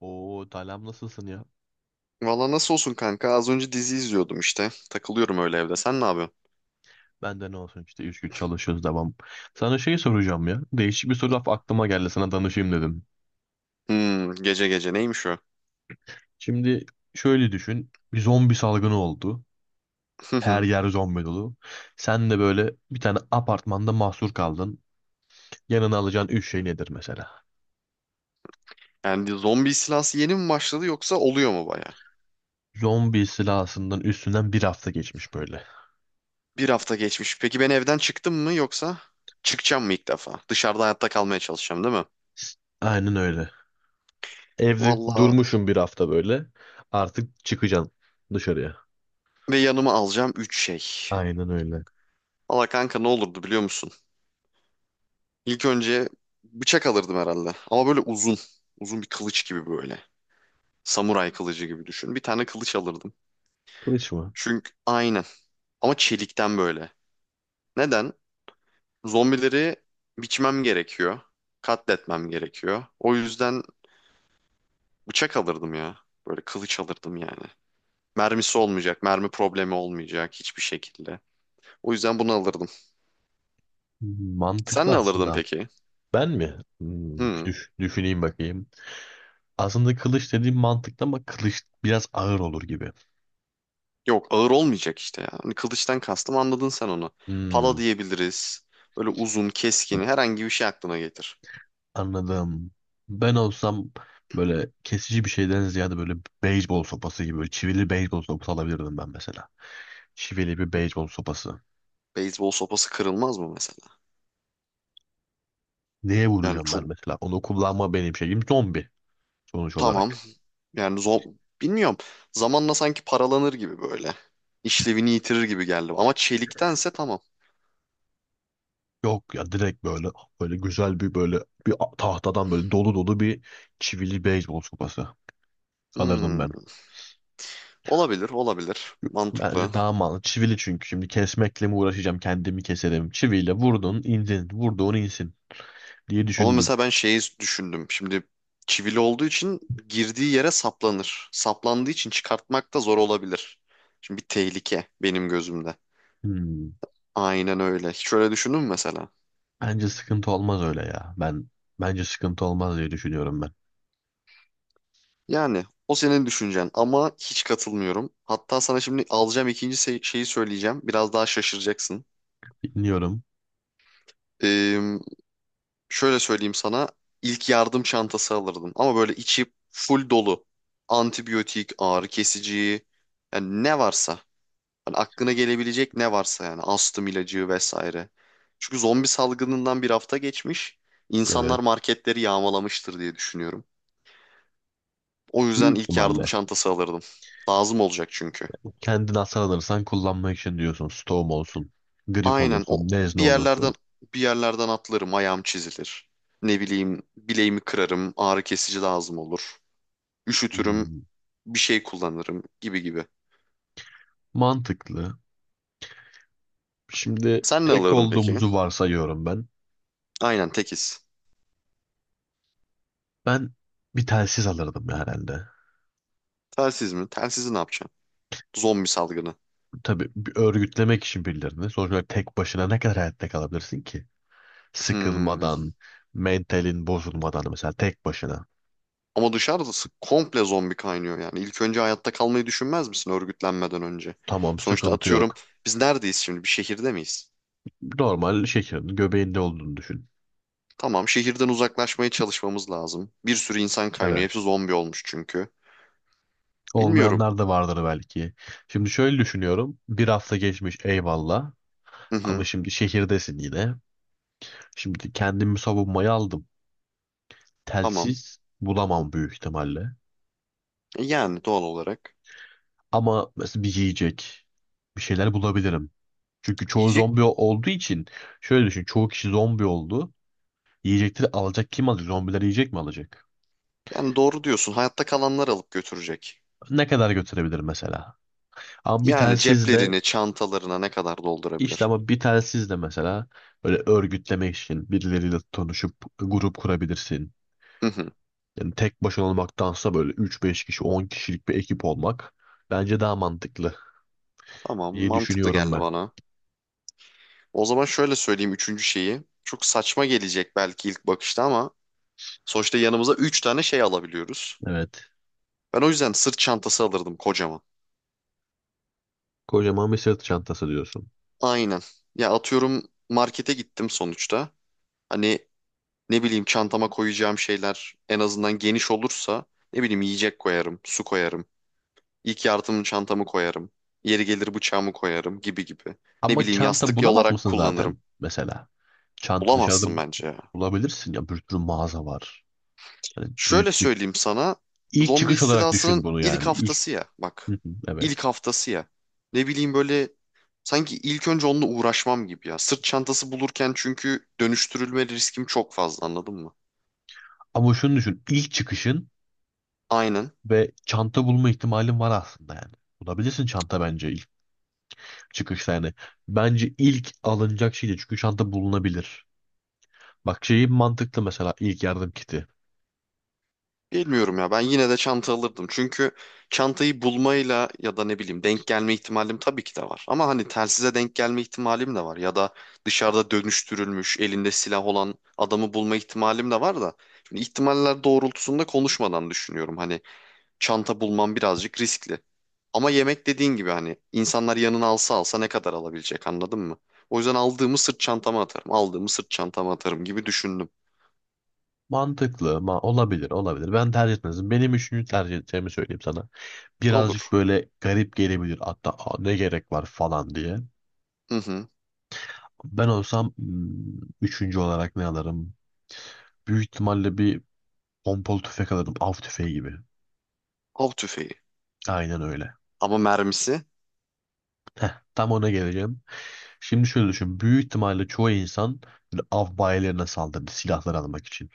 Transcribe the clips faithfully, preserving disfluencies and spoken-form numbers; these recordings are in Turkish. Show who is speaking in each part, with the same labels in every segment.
Speaker 1: Oo Talam, nasılsın ya?
Speaker 2: Valla nasıl olsun kanka? Az önce dizi izliyordum işte. Takılıyorum öyle evde. Sen ne yapıyorsun?
Speaker 1: Ben de ne olsun işte üç gün çalışıyoruz, devam. Sana şey soracağım ya. Değişik bir soru aklıma geldi, sana danışayım dedim.
Speaker 2: Hmm, gece gece neymiş o?
Speaker 1: Şimdi şöyle düşün. Bir zombi salgını oldu.
Speaker 2: Hı
Speaker 1: Her
Speaker 2: hı.
Speaker 1: yer zombi dolu. Sen de böyle bir tane apartmanda mahsur kaldın. Yanına alacağın üç şey nedir mesela?
Speaker 2: Yani zombi istilası yeni mi başladı yoksa oluyor mu baya?
Speaker 1: Zombi silahsından üstünden bir hafta geçmiş böyle.
Speaker 2: Bir hafta geçmiş. Peki ben evden çıktım mı yoksa çıkacağım mı ilk defa? Dışarıda hayatta kalmaya çalışacağım değil mi?
Speaker 1: S- Aynen öyle. Evde
Speaker 2: Valla
Speaker 1: durmuşum bir hafta böyle. Artık çıkacaksın dışarıya.
Speaker 2: ve yanıma alacağım üç şey.
Speaker 1: Aynen öyle.
Speaker 2: Valla kanka ne olurdu biliyor musun? İlk önce bıçak alırdım herhalde. Ama böyle uzun. Uzun bir kılıç gibi böyle. Samuray kılıcı gibi düşün. Bir tane kılıç alırdım.
Speaker 1: Kılıç mı?
Speaker 2: Çünkü aynen. Ama çelikten böyle. Neden? Zombileri biçmem gerekiyor. Katletmem gerekiyor. O yüzden bıçak alırdım ya. Böyle kılıç alırdım yani. Mermisi olmayacak, mermi problemi olmayacak hiçbir şekilde. O yüzden bunu alırdım. Sen
Speaker 1: Mantıklı
Speaker 2: ne alırdın
Speaker 1: aslında.
Speaker 2: peki?
Speaker 1: Ben mi? Hmm. bir
Speaker 2: Hmm.
Speaker 1: düş- düşüneyim bakayım. Aslında kılıç dediğim mantıklı ama kılıç biraz ağır olur gibi.
Speaker 2: Yok ağır olmayacak işte ya. Hani kılıçtan kastım anladın sen onu. Pala
Speaker 1: Hmm,
Speaker 2: diyebiliriz. Böyle uzun, keskin herhangi bir şey aklına getir.
Speaker 1: anladım. Ben olsam böyle kesici bir şeyden ziyade böyle beyzbol sopası gibi, böyle çivili beyzbol sopası alabilirdim ben mesela. Çivili bir beyzbol sopası.
Speaker 2: Beyzbol sopası kırılmaz mı mesela?
Speaker 1: Neye
Speaker 2: Yani
Speaker 1: vuracağım ben
Speaker 2: çok,
Speaker 1: mesela? Onu kullanma, benim şeyim zombi sonuç
Speaker 2: tamam.
Speaker 1: olarak.
Speaker 2: Yani zor, bilmiyorum. Zamanla sanki paralanır gibi böyle. İşlevini yitirir gibi geldi. Ama çeliktense tamam.
Speaker 1: Yok ya, direkt böyle böyle güzel bir, böyle bir tahtadan böyle dolu dolu bir çivili beyzbol sopası alırdım
Speaker 2: Hmm,
Speaker 1: ben.
Speaker 2: olabilir, olabilir. Mantıklı.
Speaker 1: Bence daha mal. Çivili çünkü. Şimdi kesmekle mi uğraşacağım? Kendimi keserim. Çiviyle vurdun, indin. Vurduğun insin diye
Speaker 2: Ama
Speaker 1: düşündüm.
Speaker 2: mesela ben şeyi düşündüm. Şimdi çivili olduğu için girdiği yere saplanır. Saplandığı için çıkartmak da zor olabilir. Şimdi bir tehlike benim gözümde.
Speaker 1: Hmm.
Speaker 2: Aynen öyle. Hiç öyle düşündün mü mesela?
Speaker 1: Bence sıkıntı olmaz öyle ya. Ben, bence sıkıntı olmaz diye düşünüyorum ben.
Speaker 2: Yani o senin düşüncen ama hiç katılmıyorum. Hatta sana şimdi alacağım ikinci se- şeyi söyleyeceğim. Biraz daha şaşıracaksın.
Speaker 1: Dinliyorum.
Speaker 2: şöyle söyleyeyim sana, ilk yardım çantası alırdım ama böyle içi full dolu. Antibiyotik, ağrı kesici, yani ne varsa. Hani aklına gelebilecek ne varsa, yani astım ilacı vesaire. Çünkü zombi salgınından bir hafta geçmiş. İnsanlar
Speaker 1: Evet.
Speaker 2: marketleri yağmalamıştır diye düşünüyorum. O yüzden
Speaker 1: Büyük
Speaker 2: ilk yardım
Speaker 1: ihtimalle.
Speaker 2: çantası alırdım. Lazım olacak çünkü.
Speaker 1: Kendin hastalanırsan kullanmak için diyorsun. Stoğum olsun. Grip
Speaker 2: Aynen,
Speaker 1: olursun.
Speaker 2: o
Speaker 1: Nezle
Speaker 2: bir yerlerden
Speaker 1: olursun.
Speaker 2: bir yerlerden atlarım, ayağım çizilir. Ne bileyim bileğimi kırarım, ağrı kesici lazım olur. Üşütürüm,
Speaker 1: Hmm.
Speaker 2: bir şey kullanırım gibi gibi.
Speaker 1: Mantıklı. Şimdi
Speaker 2: Sen ne
Speaker 1: ek
Speaker 2: alırdın peki?
Speaker 1: olduğumuzu varsayıyorum ben.
Speaker 2: Aynen tekiz.
Speaker 1: Ben bir telsiz alırdım ya, herhalde.
Speaker 2: Telsiz mi? Telsizi ne yapacaksın? Zombi salgını.
Speaker 1: Tabii, bir örgütlemek için birilerini. Sonuç olarak tek başına ne kadar hayatta kalabilirsin ki?
Speaker 2: Hmm.
Speaker 1: Sıkılmadan, mentalin bozulmadan mesela, tek başına.
Speaker 2: Ama dışarıda komple zombi kaynıyor yani. İlk önce hayatta kalmayı düşünmez misin örgütlenmeden önce?
Speaker 1: Tamam,
Speaker 2: Sonuçta
Speaker 1: sıkıntı
Speaker 2: atıyorum,
Speaker 1: yok.
Speaker 2: biz neredeyiz şimdi? Bir şehirde miyiz?
Speaker 1: Normal şekerin göbeğinde olduğunu düşün.
Speaker 2: Tamam, şehirden uzaklaşmaya çalışmamız lazım. Bir sürü insan kaynıyor.
Speaker 1: Evet.
Speaker 2: Hepsi zombi olmuş çünkü. Bilmiyorum.
Speaker 1: Olmayanlar da vardır belki. Şimdi şöyle düşünüyorum. Bir hafta geçmiş, eyvallah.
Speaker 2: Hı
Speaker 1: Ama
Speaker 2: hı.
Speaker 1: şimdi şehirdesin yine. Şimdi kendimi savunmaya aldım.
Speaker 2: Tamam.
Speaker 1: Telsiz bulamam büyük ihtimalle.
Speaker 2: E, yani doğal olarak.
Speaker 1: Ama mesela bir yiyecek, bir şeyler bulabilirim. Çünkü çoğu
Speaker 2: Yiyecek,
Speaker 1: zombi olduğu için, şöyle düşün. Çoğu kişi zombi oldu. Yiyecekleri alacak kim alacak? Zombiler yiyecek mi alacak?
Speaker 2: yani doğru diyorsun. Hayatta kalanlar alıp götürecek.
Speaker 1: Ne kadar götürebilir mesela? Ama bir
Speaker 2: Yani
Speaker 1: telsizle
Speaker 2: ceplerini, çantalarına ne kadar
Speaker 1: işte
Speaker 2: doldurabilir?
Speaker 1: ama bir telsizle mesela, böyle örgütlemek için birileriyle tanışıp grup kurabilirsin.
Speaker 2: Hı hı.
Speaker 1: Yani tek başına olmaktansa böyle üç beş kişi, on kişilik bir ekip olmak bence daha mantıklı
Speaker 2: Tamam,
Speaker 1: diye
Speaker 2: mantıklı
Speaker 1: düşünüyorum
Speaker 2: geldi
Speaker 1: ben.
Speaker 2: bana. O zaman şöyle söyleyeyim üçüncü şeyi. Çok saçma gelecek belki ilk bakışta ama sonuçta yanımıza üç tane şey alabiliyoruz.
Speaker 1: Evet.
Speaker 2: Ben o yüzden sırt çantası alırdım, kocaman.
Speaker 1: Kocaman bir sırt çantası diyorsun.
Speaker 2: Aynen. Ya atıyorum, markete gittim sonuçta. Hani ne bileyim, çantama koyacağım şeyler en azından geniş olursa ne bileyim yiyecek koyarım, su koyarım, ilk yardım çantamı koyarım, yeri gelir bıçağımı koyarım gibi gibi. Ne
Speaker 1: Ama
Speaker 2: bileyim,
Speaker 1: çanta
Speaker 2: yastık
Speaker 1: bulamaz
Speaker 2: olarak
Speaker 1: mısın
Speaker 2: kullanırım.
Speaker 1: zaten mesela? Çanta dışarıda
Speaker 2: Bulamazsın bence ya.
Speaker 1: bulabilirsin ya, bir sürü mağaza var. Hani
Speaker 2: Şöyle
Speaker 1: büyük bir
Speaker 2: söyleyeyim sana.
Speaker 1: ilk
Speaker 2: Zombi
Speaker 1: çıkış olarak
Speaker 2: istilasının
Speaker 1: düşün bunu
Speaker 2: ilk
Speaker 1: yani. İlk
Speaker 2: haftası ya.
Speaker 1: Hı
Speaker 2: Bak.
Speaker 1: hı,
Speaker 2: İlk
Speaker 1: evet.
Speaker 2: haftası ya. Ne bileyim böyle, sanki ilk önce onunla uğraşmam gibi ya. Sırt çantası bulurken çünkü dönüştürülme riskim çok fazla, anladın mı?
Speaker 1: Ama şunu düşün. İlk çıkışın
Speaker 2: Aynen.
Speaker 1: ve çanta bulma ihtimalin var aslında yani. Bulabilirsin çanta bence ilk çıkışta yani. Bence ilk alınacak şey de, çünkü çanta bulunabilir. Bak, şeyi mantıklı mesela, ilk yardım kiti.
Speaker 2: Bilmiyorum ya, ben yine de çanta alırdım. Çünkü çantayı bulmayla ya da ne bileyim denk gelme ihtimalim tabii ki de var. Ama hani telsize denk gelme ihtimalim de var. Ya da dışarıda dönüştürülmüş elinde silah olan adamı bulma ihtimalim de var da. Şimdi ihtimaller doğrultusunda konuşmadan düşünüyorum. Hani çanta bulmam birazcık riskli. Ama yemek, dediğin gibi hani, insanlar yanına alsa alsa ne kadar alabilecek anladın mı? O yüzden aldığımı sırt çantama atarım. Aldığımı sırt çantama atarım gibi düşündüm.
Speaker 1: Mantıklı ma, olabilir olabilir. Ben tercih etmezdim. Benim üçüncü tercih edeceğimi söyleyeyim sana. Birazcık
Speaker 2: Olur.
Speaker 1: böyle garip gelebilir. Hatta "Aa, ne gerek var" falan diye.
Speaker 2: Hı hı.
Speaker 1: Ben olsam hmm, üçüncü olarak ne alırım? Büyük ihtimalle bir pompalı tüfek alırım. Av tüfeği gibi.
Speaker 2: Av tüfeği.
Speaker 1: Aynen öyle.
Speaker 2: Ama mermisi?
Speaker 1: Tam ona geleceğim. Şimdi şöyle düşün. Büyük ihtimalle çoğu insan böyle av bayilerine saldırdı silahlar almak için.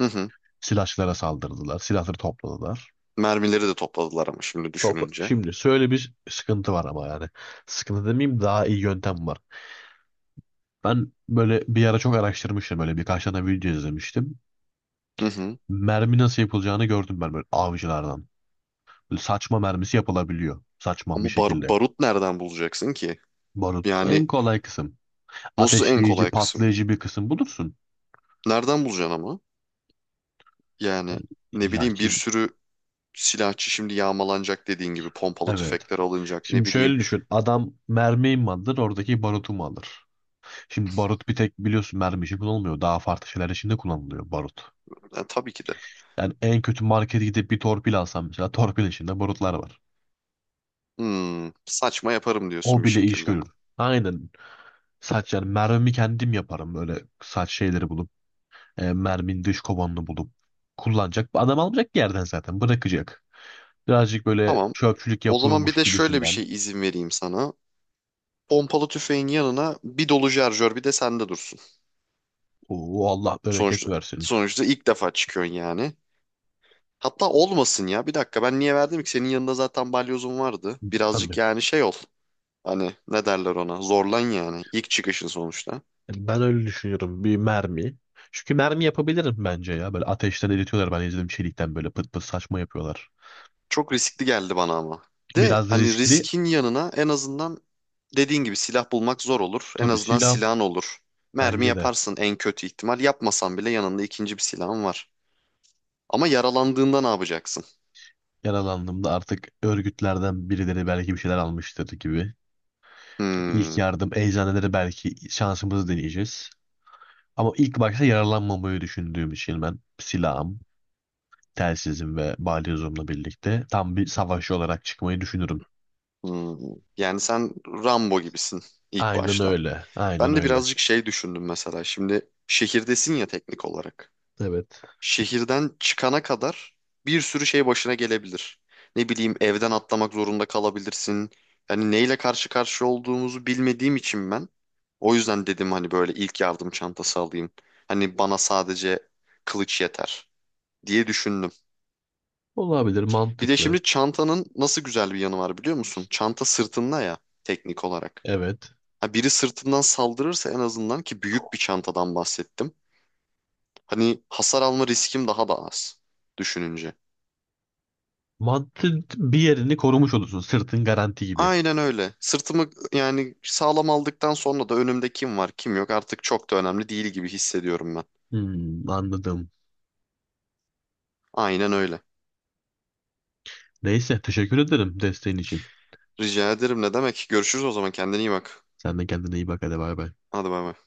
Speaker 2: Hı hı.
Speaker 1: Silahçılara saldırdılar. Silahları topladılar.
Speaker 2: Mermileri de topladılar ama şimdi
Speaker 1: Topla.
Speaker 2: düşününce.
Speaker 1: Şimdi şöyle bir sıkıntı var ama yani. Sıkıntı demeyeyim, daha iyi yöntem var. Ben böyle bir ara çok araştırmıştım. Böyle birkaç tane video izlemiştim.
Speaker 2: Hı hı.
Speaker 1: Mermi nasıl yapılacağını gördüm ben, böyle avcılardan. Böyle saçma mermisi yapılabiliyor. Saçma bir
Speaker 2: Ama bar-
Speaker 1: şekilde.
Speaker 2: barut nereden bulacaksın ki?
Speaker 1: Barut
Speaker 2: Yani
Speaker 1: en kolay kısım.
Speaker 2: nasıl en
Speaker 1: Ateşleyici,
Speaker 2: kolay kısım?
Speaker 1: patlayıcı bir kısım bulursun.
Speaker 2: Nereden bulacaksın ama? Yani
Speaker 1: Yani
Speaker 2: ne
Speaker 1: illa
Speaker 2: bileyim
Speaker 1: ki.
Speaker 2: bir sürü silahçı şimdi yağmalanacak dediğin gibi, pompalı
Speaker 1: Evet.
Speaker 2: tüfekler alınacak ne
Speaker 1: Şimdi şöyle
Speaker 2: bileyim.
Speaker 1: düşün. Adam mermiyi mi alır, oradaki barutu mu alır? Şimdi barut bir tek, biliyorsun, mermi için kullanılmıyor. Daha farklı şeyler için de kullanılıyor barut.
Speaker 2: E, tabii ki de.
Speaker 1: Yani en kötü markete gidip bir torpil alsam mesela, torpilin içinde barutlar var.
Speaker 2: Hmm, saçma yaparım diyorsun
Speaker 1: O
Speaker 2: bir
Speaker 1: bile iş
Speaker 2: şekilde.
Speaker 1: görür. Aynen. Saç yani mermi kendim yaparım, böyle saç şeyleri bulup. E, merminin dış kovanını bulup kullanacak. Adam almayacak ki, yerden zaten bırakacak. Birazcık böyle
Speaker 2: Tamam.
Speaker 1: çöpçülük
Speaker 2: O zaman bir
Speaker 1: yapıyormuş
Speaker 2: de şöyle bir
Speaker 1: gibisinden.
Speaker 2: şey izin vereyim sana. Pompalı tüfeğin yanına bir dolu şarjör bir de sende dursun.
Speaker 1: Oo, Allah bereket
Speaker 2: Sonuçta
Speaker 1: versin.
Speaker 2: sonuçta ilk defa çıkıyorsun yani. Hatta olmasın ya. Bir dakika, ben niye verdim ki? Senin yanında zaten balyozun vardı. Birazcık
Speaker 1: Tabii.
Speaker 2: yani şey ol. Hani ne derler ona? Zorlan yani. İlk çıkışın sonuçta.
Speaker 1: Yani ben öyle düşünüyorum. Bir mermi. Çünkü mermi yapabilirim bence ya. Böyle ateşten eritiyorlar. Ben izledim, çelikten böyle pıt pıt saçma yapıyorlar.
Speaker 2: Çok riskli geldi bana ama. De
Speaker 1: Biraz da
Speaker 2: hani,
Speaker 1: riskli.
Speaker 2: riskin yanına en azından dediğin gibi silah bulmak zor olur. En
Speaker 1: Tabii
Speaker 2: azından
Speaker 1: silah,
Speaker 2: silahın olur. Mermi
Speaker 1: bence de.
Speaker 2: yaparsın en kötü ihtimal. Yapmasan bile yanında ikinci bir silahın var. Ama yaralandığında ne yapacaksın?
Speaker 1: Yaralandığımda artık örgütlerden birileri belki bir şeyler almıştır gibi. Yani ilk
Speaker 2: Hmm,
Speaker 1: yardım, eczaneleri belki, şansımızı deneyeceğiz. Ama ilk başta yaralanmamayı düşündüğüm için ben silahım, telsizim ve balyozumla birlikte tam bir savaşçı olarak çıkmayı düşünürüm.
Speaker 2: hmm. Yani sen Rambo gibisin ilk
Speaker 1: Aynen
Speaker 2: başta.
Speaker 1: öyle. Aynen
Speaker 2: Ben de
Speaker 1: öyle.
Speaker 2: birazcık şey düşündüm mesela. Şimdi şehirdesin ya teknik olarak.
Speaker 1: Evet.
Speaker 2: Şehirden çıkana kadar bir sürü şey başına gelebilir. Ne bileyim evden atlamak zorunda kalabilirsin. Yani neyle karşı karşıya olduğumuzu bilmediğim için ben. O yüzden dedim hani böyle ilk yardım çantası alayım. Hani bana sadece kılıç yeter diye düşündüm.
Speaker 1: Olabilir.
Speaker 2: Bir de
Speaker 1: Mantıklı.
Speaker 2: şimdi çantanın nasıl güzel bir yanı var biliyor musun? Çanta sırtında ya teknik olarak.
Speaker 1: Evet.
Speaker 2: Ha, biri sırtından saldırırsa en azından, ki büyük bir çantadan bahsettim, hani hasar alma riskim daha da az düşününce.
Speaker 1: Mantığın bir yerini korumuş olursun. Sırtın garanti gibi.
Speaker 2: Aynen öyle. Sırtımı yani sağlam aldıktan sonra da önümde kim var kim yok artık çok da önemli değil gibi hissediyorum ben.
Speaker 1: Hmm, anladım.
Speaker 2: Aynen öyle.
Speaker 1: Neyse. Teşekkür ederim desteğin için.
Speaker 2: Rica ederim ne demek. Görüşürüz o zaman, kendine iyi bak.
Speaker 1: Sen de kendine iyi bak. Hadi bay bay.
Speaker 2: Hadi bay bay.